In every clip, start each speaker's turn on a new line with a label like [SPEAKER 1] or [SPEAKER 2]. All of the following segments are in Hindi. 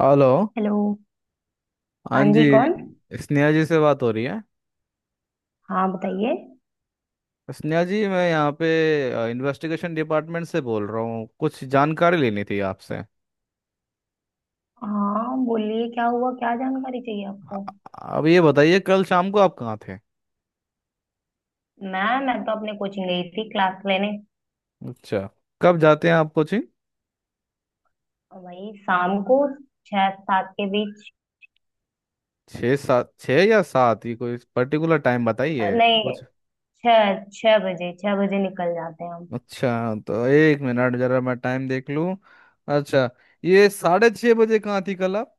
[SPEAKER 1] हेलो।
[SPEAKER 2] हेलो।
[SPEAKER 1] हाँ
[SPEAKER 2] हाँ जी
[SPEAKER 1] जी।
[SPEAKER 2] कौन?
[SPEAKER 1] स्नेहा जी से बात हो रही है।
[SPEAKER 2] हाँ बताइए।
[SPEAKER 1] स्नेहा जी, मैं यहाँ पे इन्वेस्टिगेशन डिपार्टमेंट से बोल रहा हूँ। कुछ जानकारी लेनी थी आपसे।
[SPEAKER 2] हाँ बोलिए, क्या हुआ, क्या जानकारी चाहिए आपको?
[SPEAKER 1] अब ये बताइए कल शाम को आप कहाँ थे।
[SPEAKER 2] मैं तो अपने कोचिंग गई थी क्लास लेने।
[SPEAKER 1] अच्छा। कब जाते हैं आप कोचिंग।
[SPEAKER 2] और वही शाम को, 6 7 के बीच।
[SPEAKER 1] छः या सात, ये कोई पर्टिकुलर टाइम बताइए
[SPEAKER 2] नहीं,
[SPEAKER 1] कुछ।
[SPEAKER 2] छह छह बजे 6 बजे निकल जाते हैं हम।
[SPEAKER 1] अच्छा, तो 1 मिनट जरा मैं टाइम देख लूँ। अच्छा। ये 6:30 बजे कहाँ थी कल आप।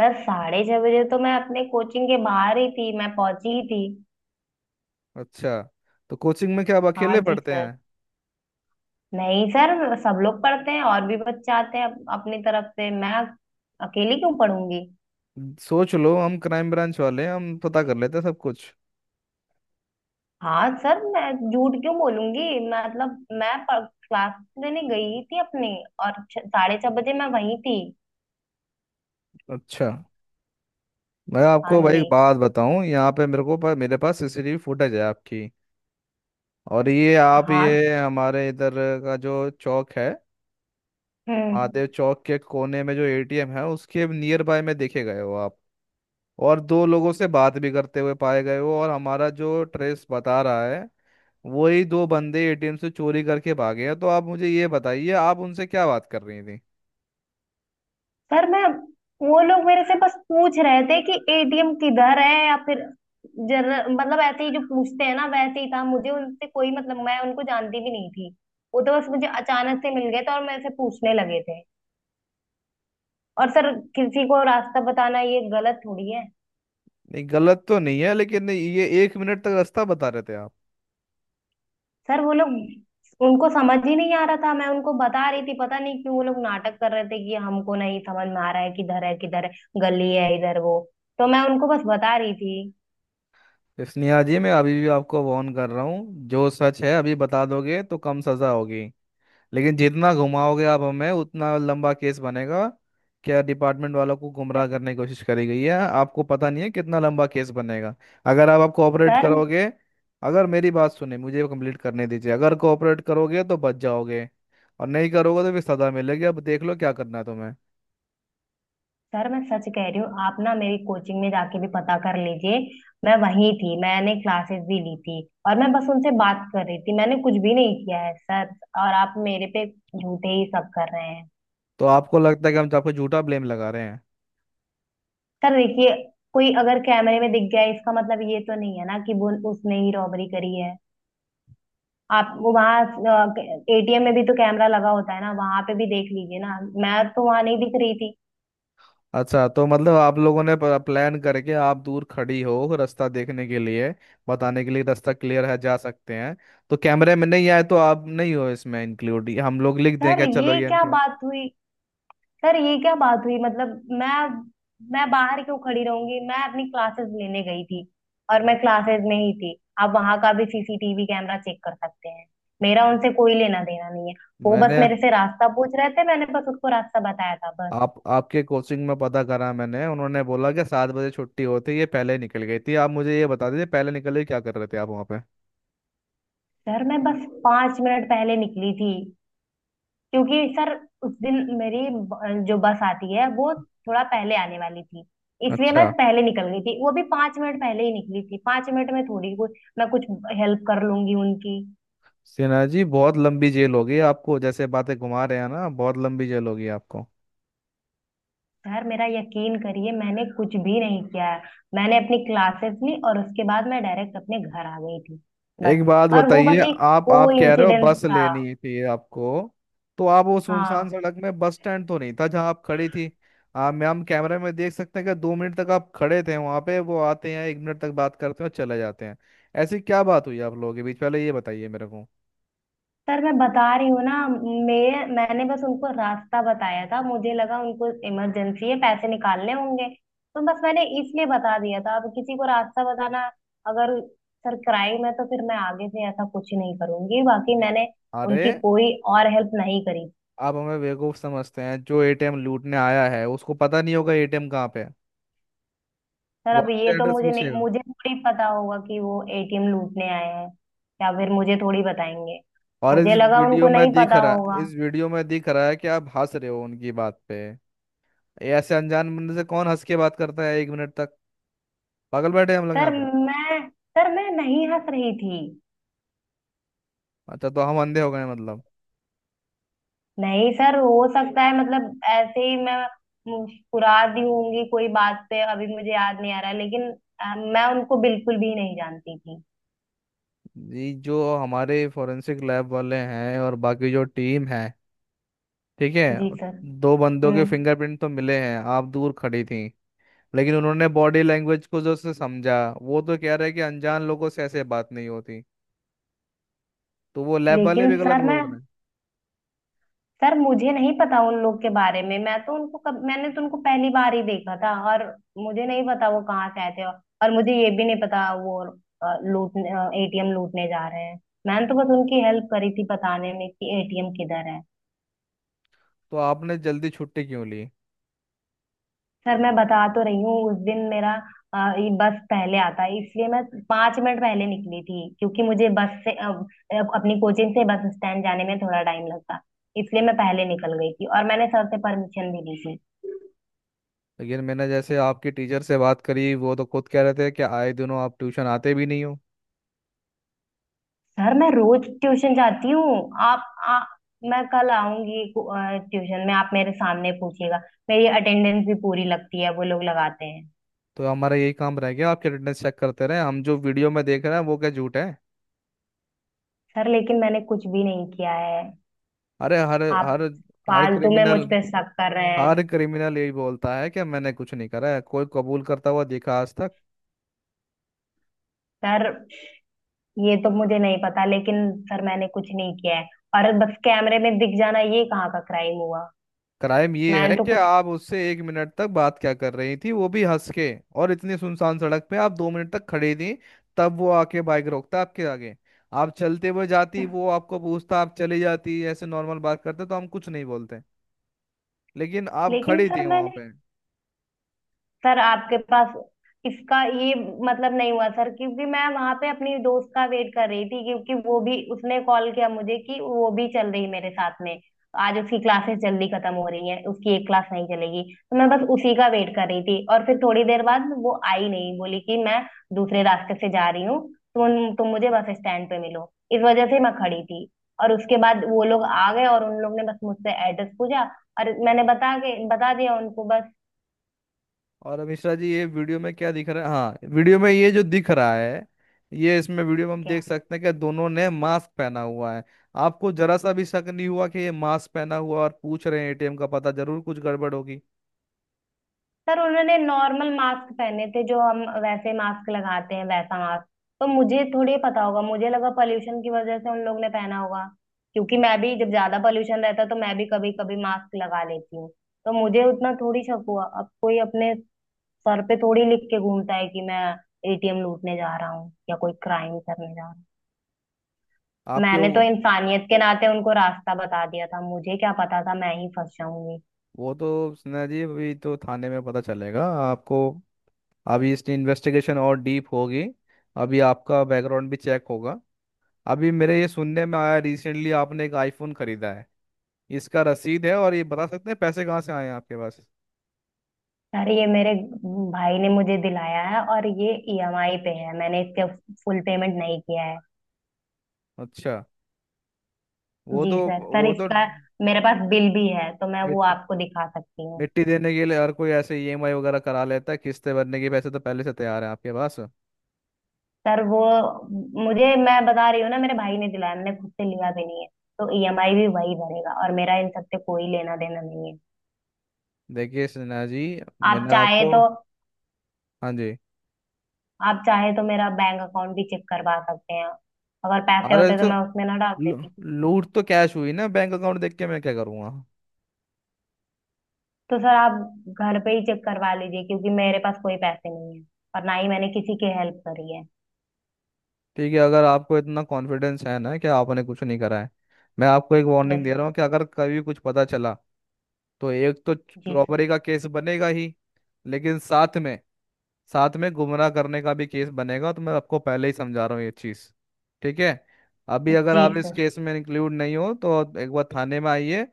[SPEAKER 2] सर 6:30 बजे तो मैं अपने कोचिंग के बाहर ही थी, मैं पहुंची ही थी।
[SPEAKER 1] अच्छा। तो कोचिंग में क्या आप
[SPEAKER 2] हाँ
[SPEAKER 1] अकेले
[SPEAKER 2] जी
[SPEAKER 1] पढ़ते
[SPEAKER 2] सर।
[SPEAKER 1] हैं।
[SPEAKER 2] नहीं सर, सब लोग पढ़ते हैं, और भी बच्चे आते हैं, अपनी तरफ से मैं अकेली क्यों पढ़ूंगी?
[SPEAKER 1] सोच लो हम क्राइम ब्रांच वाले हैं, हम पता कर लेते हैं सब कुछ।
[SPEAKER 2] हाँ सर, मैं झूठ क्यों बोलूंगी? मतलब मैं क्लास लेने गई थी अपनी। और 6:30 बजे मैं वहीं थी।
[SPEAKER 1] अच्छा, मैं
[SPEAKER 2] हाँ
[SPEAKER 1] आपको भाई
[SPEAKER 2] जी।
[SPEAKER 1] एक बात बताऊं। यहाँ पे मेरे को, पर मेरे पास सीसीटीवी फुटेज है आपकी। और ये आप,
[SPEAKER 2] हाँ।
[SPEAKER 1] ये हमारे इधर का जो चौक है,
[SPEAKER 2] हम्म।
[SPEAKER 1] महादेव चौक के कोने में जो एटीएम है उसके नियर बाय में देखे गए हो आप। और दो लोगों से बात भी करते हुए पाए गए हो, और हमारा जो ट्रेस बता रहा है, वही दो बंदे एटीएम से चोरी करके भागे हैं। तो आप मुझे ये बताइए, आप उनसे क्या बात कर रही थी।
[SPEAKER 2] सर मैं वो लोग मेरे से बस पूछ रहे थे कि एटीएम किधर है, या फिर जर, मतलब ऐसे ही जो पूछते हैं ना वैसे ही था। मुझे उनसे कोई मतलब, मैं उनको जानती भी नहीं थी। वो तो बस मुझे अचानक से मिल गए थे और मेरे से पूछने लगे थे। और सर, किसी को रास्ता बताना ये गलत थोड़ी है।
[SPEAKER 1] नहीं, गलत तो नहीं है, लेकिन ये 1 मिनट तक रास्ता बता रहे थे आप।
[SPEAKER 2] सर वो लोग उनको समझ ही नहीं आ रहा था, मैं उनको बता रही थी। पता नहीं क्यों वो लोग नाटक कर रहे थे कि हमको नहीं समझ में आ रहा है किधर है, किधर है। गली है इधर, वो तो मैं उनको बस बता रही थी।
[SPEAKER 1] स्नेहा जी, मैं अभी भी आपको वार्न कर रहा हूँ, जो सच है अभी बता दोगे तो कम सजा होगी, लेकिन जितना घुमाओगे आप हमें उतना लंबा केस बनेगा। क्या डिपार्टमेंट वालों को गुमराह
[SPEAKER 2] सर-
[SPEAKER 1] करने की कोशिश करी गई है, आपको पता नहीं है कितना लंबा केस बनेगा। अगर आप कोऑपरेट
[SPEAKER 2] सर
[SPEAKER 1] करोगे। अगर मेरी बात सुने, मुझे कंप्लीट करने दीजिए, अगर कोऑपरेट करोगे तो बच जाओगे, और नहीं करोगे तो फिर सजा मिलेगी। अब देख लो क्या करना है तुम्हें।
[SPEAKER 2] सर मैं सच कह रही हूँ, आप ना मेरी कोचिंग में जाके भी पता कर लीजिए। मैं वहीं थी, मैंने क्लासेस भी ली थी। और मैं बस उनसे बात कर रही थी, मैंने कुछ भी नहीं किया है सर। और आप मेरे पे झूठे ही सब कर रहे हैं।
[SPEAKER 1] तो आपको लगता है कि हम तो आपको झूठा ब्लेम लगा रहे हैं।
[SPEAKER 2] सर देखिए, कोई अगर कैमरे में दिख गया इसका मतलब ये तो नहीं है ना कि वो, उसने ही रॉबरी करी है। आप वो वहाँ, एटीएम में भी तो कैमरा लगा होता है ना, वहां पे भी देख लीजिए ना, मैं तो वहां नहीं दिख रही थी।
[SPEAKER 1] अच्छा, तो मतलब आप लोगों ने प्लान करके आप दूर खड़ी हो, रास्ता देखने के लिए, बताने के लिए, रास्ता क्लियर है जा सकते हैं, तो कैमरे में नहीं आए तो आप नहीं हो इसमें इंक्लूड, हम लोग लिख दें
[SPEAKER 2] सर
[SPEAKER 1] क्या, चलो
[SPEAKER 2] ये
[SPEAKER 1] ये
[SPEAKER 2] क्या
[SPEAKER 1] इंक्लूड।
[SPEAKER 2] बात हुई सर ये क्या बात हुई, मैं बाहर क्यों खड़ी रहूंगी? मैं अपनी क्लासेस लेने गई थी, और मैं क्लासेस में ही थी। आप वहां का भी सीसीटीवी कैमरा चेक कर सकते हैं। मेरा उनसे कोई लेना देना नहीं है। वो बस
[SPEAKER 1] मैंने
[SPEAKER 2] मेरे से रास्ता पूछ रहे थे, मैंने बस उसको रास्ता बताया था बस।
[SPEAKER 1] आप आपके कोचिंग में पता करा, मैंने उन्होंने बोला कि 7 बजे छुट्टी होती, ये पहले ही निकल गई थी। आप मुझे ये बता दीजिए, पहले निकल के क्या कर रहे थे आप वहाँ पे।
[SPEAKER 2] सर मैं बस 5 मिनट पहले निकली थी, क्योंकि सर उस दिन मेरी जो बस आती है वो थोड़ा पहले आने वाली थी, इसलिए
[SPEAKER 1] अच्छा।
[SPEAKER 2] मैं पहले निकल गई थी। वो भी 5 मिनट पहले ही निकली थी, 5 मिनट में थोड़ी कोई मैं कुछ हेल्प कर लूंगी उनकी।
[SPEAKER 1] सिन्हा जी, बहुत लंबी जेल होगी आपको, जैसे बातें घुमा रहे हैं ना, बहुत लंबी जेल होगी आपको।
[SPEAKER 2] सर मेरा यकीन करिए, मैंने कुछ भी नहीं किया है। मैंने अपनी क्लासेस ली और उसके बाद मैं डायरेक्ट अपने घर आ गई थी बस।
[SPEAKER 1] एक बात
[SPEAKER 2] और वो
[SPEAKER 1] बताइए,
[SPEAKER 2] बस एक
[SPEAKER 1] आप
[SPEAKER 2] को
[SPEAKER 1] आप कह रहे हो
[SPEAKER 2] इंसिडेंस
[SPEAKER 1] बस
[SPEAKER 2] था।
[SPEAKER 1] लेनी थी आपको, तो आप वो सुनसान
[SPEAKER 2] हाँ
[SPEAKER 1] सड़क में, बस स्टैंड तो नहीं था जहां आप खड़ी थी। आप मैं हम कैमरे में देख सकते हैं कि 2 मिनट तक आप खड़े थे वहां पे, वो आते हैं, 1 मिनट तक बात करते हैं और चले जाते हैं। ऐसी क्या बात हुई आप लोगों के बीच, पहले ये बताइए मेरे को।
[SPEAKER 2] सर, मैं बता रही हूँ ना, मैंने बस उनको रास्ता बताया था, मुझे लगा उनको इमरजेंसी है, पैसे निकालने होंगे, तो बस मैंने इसलिए बता दिया था। अब किसी को रास्ता बताना अगर सर क्राइम है तो फिर मैं आगे से ऐसा कुछ नहीं करूंगी, बाकी
[SPEAKER 1] ने-
[SPEAKER 2] मैंने
[SPEAKER 1] अरे,
[SPEAKER 2] उनकी कोई और हेल्प नहीं करी।
[SPEAKER 1] आप हमें बेवकूफ समझते हैं, जो एटीएम लूटने आया है उसको पता नहीं होगा एटीएम कहाँ पे है,
[SPEAKER 2] सर
[SPEAKER 1] वो
[SPEAKER 2] अब
[SPEAKER 1] आपसे
[SPEAKER 2] ये तो
[SPEAKER 1] एड्रेस
[SPEAKER 2] मुझे नहीं,
[SPEAKER 1] पूछेगा।
[SPEAKER 2] मुझे थोड़ी पता होगा कि वो एटीएम लूटने आए हैं, या फिर मुझे थोड़ी बताएंगे?
[SPEAKER 1] और
[SPEAKER 2] मुझे लगा उनको नहीं पता होगा।
[SPEAKER 1] इस वीडियो में दिख रहा है कि आप हंस रहे हो उनकी बात पे। ये ऐसे अनजान बंदे से कौन हंस के बात करता है 1 मिनट तक। पागल बैठे हैं हम लोग
[SPEAKER 2] सर
[SPEAKER 1] यहाँ पे।
[SPEAKER 2] मैं सर मैं नहीं हंस रही थी।
[SPEAKER 1] अच्छा, तो हम अंधे हो गए हैं मतलब।
[SPEAKER 2] नहीं सर, हो सकता है, मतलब ऐसे ही मैं फुरा दी होंगी कोई बात पे, अभी मुझे याद नहीं आ रहा है, लेकिन मैं उनको बिल्कुल भी नहीं जानती थी।
[SPEAKER 1] ये जो हमारे फोरेंसिक लैब वाले हैं और बाकी जो टीम है, ठीक है,
[SPEAKER 2] जी सर।
[SPEAKER 1] दो बंदों के
[SPEAKER 2] हम्म।
[SPEAKER 1] फिंगरप्रिंट तो मिले हैं, आप दूर खड़ी थी, लेकिन उन्होंने बॉडी लैंग्वेज को जो से समझा, वो तो कह रहे हैं कि अनजान लोगों से ऐसे बात नहीं होती, तो वो लैब वाले
[SPEAKER 2] लेकिन
[SPEAKER 1] भी गलत
[SPEAKER 2] सर
[SPEAKER 1] बोल
[SPEAKER 2] मैं
[SPEAKER 1] रहे हैं।
[SPEAKER 2] सर मुझे नहीं पता उन लोग के बारे में, मैं तो उनको कब, मैंने तो उनको पहली बार ही देखा था, और मुझे नहीं पता वो कहाँ से आए थे, और मुझे ये भी नहीं पता वो लूटने एटीएम लूटने जा रहे हैं। मैंने तो बस उनकी हेल्प करी थी बताने में कि एटीएम किधर है।
[SPEAKER 1] तो आपने जल्दी छुट्टी क्यों ली।
[SPEAKER 2] सर मैं बता तो रही हूँ, उस दिन मेरा ये बस पहले आता है, इसलिए मैं 5 मिनट पहले निकली थी, क्योंकि मुझे बस से अपनी कोचिंग से बस स्टैंड जाने में थोड़ा टाइम लगता, इसलिए मैं पहले निकल गई थी, और मैंने सर से परमिशन भी ली थी।
[SPEAKER 1] लेकिन मैंने जैसे आपके टीचर से बात करी, वो तो खुद कह रहे थे कि आए दिनों आप ट्यूशन आते भी नहीं हो।
[SPEAKER 2] सर मैं रोज ट्यूशन जाती हूँ। आप आ, मैं कल आऊंगी ट्यूशन में, आप मेरे सामने पूछिएगा। मेरी अटेंडेंस भी पूरी लगती है, वो लोग लगाते हैं।
[SPEAKER 1] तो हमारा यही काम रह गया आपके अटेंडेंस चेक करते रहे हम, जो वीडियो में देख रहे हैं वो क्या झूठ है।
[SPEAKER 2] सर लेकिन मैंने कुछ भी नहीं किया है,
[SPEAKER 1] अरे, हर
[SPEAKER 2] आप
[SPEAKER 1] हर हर
[SPEAKER 2] फालतू में मुझ
[SPEAKER 1] क्रिमिनल
[SPEAKER 2] पे शक कर रहे
[SPEAKER 1] हर
[SPEAKER 2] हैं।
[SPEAKER 1] क्रिमिनल यही बोलता है कि मैंने कुछ नहीं करा है। कोई कबूल करता हुआ देखा आज तक।
[SPEAKER 2] सर ये तो मुझे नहीं पता, लेकिन सर मैंने कुछ नहीं किया है। और बस कैमरे में दिख जाना ये कहाँ का क्राइम हुआ?
[SPEAKER 1] क्राइम ये
[SPEAKER 2] मैंने
[SPEAKER 1] है
[SPEAKER 2] तो
[SPEAKER 1] कि
[SPEAKER 2] कुछ
[SPEAKER 1] आप उससे 1 मिनट तक बात क्या कर रही थी, वो भी हंस के, और इतनी सुनसान सड़क पे आप 2 मिनट तक खड़ी थी, तब वो आके बाइक रोकता आपके आगे। आप चलते हुए जाती, वो आपको पूछता, आप चली जाती, ऐसे नॉर्मल बात करते तो हम कुछ नहीं बोलते, लेकिन आप
[SPEAKER 2] लेकिन
[SPEAKER 1] खड़ी
[SPEAKER 2] सर
[SPEAKER 1] थी वहां
[SPEAKER 2] मैंने
[SPEAKER 1] पे।
[SPEAKER 2] सर आपके पास इसका ये मतलब नहीं हुआ सर, क्योंकि मैं वहां पे अपनी दोस्त का वेट कर रही थी, क्योंकि वो भी, उसने कॉल किया मुझे कि वो भी चल रही है मेरे साथ में। आज उसकी क्लासेस जल्दी खत्म हो रही हैं, उसकी एक क्लास नहीं चलेगी, तो मैं बस उसी का वेट कर रही थी। और फिर थोड़ी देर बाद वो आई नहीं, बोली कि मैं दूसरे रास्ते से जा रही हूँ, तुम मुझे बस स्टैंड पे मिलो। इस वजह से मैं खड़ी थी। और उसके बाद वो लोग आ गए, और उन लोग ने बस मुझसे एड्रेस पूछा, और मैंने बता के बता दिया उनको बस।
[SPEAKER 1] और अब मिश्रा जी, ये वीडियो में क्या दिख रहा है, हाँ, वीडियो में ये जो दिख रहा है, ये इसमें वीडियो में हम
[SPEAKER 2] क्या?
[SPEAKER 1] देख सकते हैं कि दोनों ने मास्क पहना हुआ है। आपको जरा सा भी शक नहीं हुआ कि ये मास्क पहना हुआ और पूछ रहे हैं एटीएम का पता, जरूर कुछ गड़बड़ होगी।
[SPEAKER 2] सर उन्होंने नॉर्मल मास्क पहने थे, जो हम वैसे मास्क लगाते हैं वैसा मास्क, तो मुझे थोड़ी पता होगा, मुझे लगा पॉल्यूशन की वजह से उन लोग ने पहना होगा, क्योंकि मैं भी जब ज्यादा पॉल्यूशन रहता है तो मैं भी कभी कभी मास्क लगा लेती हूँ। तो मुझे उतना थोड़ी शक हुआ, अब कोई अपने सर पे थोड़ी लिख के घूमता है कि मैं एटीएम लूटने जा रहा हूँ या कोई क्राइम करने जा रहा हूँ।
[SPEAKER 1] आपके
[SPEAKER 2] मैंने तो
[SPEAKER 1] वो
[SPEAKER 2] इंसानियत के नाते उनको रास्ता बता दिया था, मुझे क्या पता था मैं ही फंस जाऊंगी।
[SPEAKER 1] वो तो सिन्हा जी, अभी तो थाने में पता चलेगा आपको। अभी इसकी इन्वेस्टिगेशन और डीप होगी। अभी आपका बैकग्राउंड भी चेक होगा। अभी मेरे ये सुनने में आया, रिसेंटली आपने एक आईफोन खरीदा है, इसका रसीद है, और ये बता सकते हैं पैसे कहाँ से आए हैं आपके पास।
[SPEAKER 2] अरे ये मेरे भाई ने मुझे दिलाया है, और ये ईएमआई पे है, मैंने इसका फुल पेमेंट नहीं किया है।
[SPEAKER 1] अच्छा। वो
[SPEAKER 2] जी
[SPEAKER 1] तो
[SPEAKER 2] सर। सर
[SPEAKER 1] वो तो
[SPEAKER 2] इसका मेरे पास बिल भी है, तो मैं वो
[SPEAKER 1] मिट्टी
[SPEAKER 2] आपको दिखा सकती हूँ।
[SPEAKER 1] मिट्टी देने के लिए हर कोई ऐसे ईएमआई वगैरह करा लेता है, किस्तें भरने के पैसे तो पहले से तैयार है आपके पास।
[SPEAKER 2] सर वो मुझे, मैं बता रही हूँ ना, मेरे भाई ने दिलाया, मैंने खुद से लिया भी नहीं है। तो ईएमआई भी वही भरेगा, और मेरा इन सबसे कोई लेना देना नहीं है।
[SPEAKER 1] देखिए सिन्हा जी,
[SPEAKER 2] आप
[SPEAKER 1] मैंने
[SPEAKER 2] चाहे
[SPEAKER 1] आपको,
[SPEAKER 2] तो
[SPEAKER 1] हाँ जी,
[SPEAKER 2] आप चाहे तो मेरा बैंक अकाउंट भी चेक करवा सकते हैं। अगर पैसे
[SPEAKER 1] अरे
[SPEAKER 2] होते तो
[SPEAKER 1] तो
[SPEAKER 2] मैं उसमें ना डाल
[SPEAKER 1] लू-
[SPEAKER 2] देती।
[SPEAKER 1] लूट तो कैश हुई ना, बैंक अकाउंट देख के मैं क्या करूँगा।
[SPEAKER 2] तो सर आप घर पे ही चेक करवा लीजिए, क्योंकि मेरे पास कोई पैसे नहीं है, और ना ही मैंने किसी की हेल्प करी है।
[SPEAKER 1] ठीक है, अगर आपको इतना कॉन्फिडेंस है ना कि आपने कुछ नहीं करा है, मैं आपको एक
[SPEAKER 2] यस
[SPEAKER 1] वार्निंग दे
[SPEAKER 2] सर।
[SPEAKER 1] रहा हूँ कि अगर कभी कुछ पता चला, तो एक तो
[SPEAKER 2] जी सर।
[SPEAKER 1] रॉबरी का केस बनेगा ही, लेकिन साथ में गुमराह करने का भी केस बनेगा, तो मैं आपको पहले ही समझा रहा हूँ ये चीज़, ठीक है। अभी अगर
[SPEAKER 2] जी
[SPEAKER 1] आप इस
[SPEAKER 2] सर।
[SPEAKER 1] केस में इंक्लूड नहीं हो तो एक बार थाने में आइए,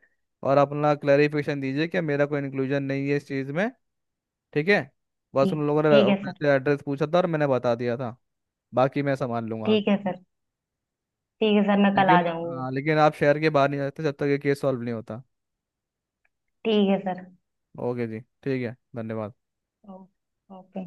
[SPEAKER 1] और अपना क्लैरिफिकेशन दीजिए कि मेरा कोई इंक्लूजन नहीं है इस चीज़ में, ठीक है। बस
[SPEAKER 2] ठीक।
[SPEAKER 1] उन लोगों
[SPEAKER 2] ठीक है सर।
[SPEAKER 1] ने एड्रेस पूछा था और मैंने बता दिया था, बाकी मैं संभाल लूंगा आगे।
[SPEAKER 2] ठीक है सर। ठीक है सर, मैं कल आ
[SPEAKER 1] लेकिन,
[SPEAKER 2] जाऊंगी।
[SPEAKER 1] हाँ, लेकिन आप शहर के बाहर नहीं जाते जब तक ये केस सॉल्व नहीं होता।
[SPEAKER 2] ठीक है सर।
[SPEAKER 1] ओके जी, ठीक है, धन्यवाद।
[SPEAKER 2] ओ- ओके।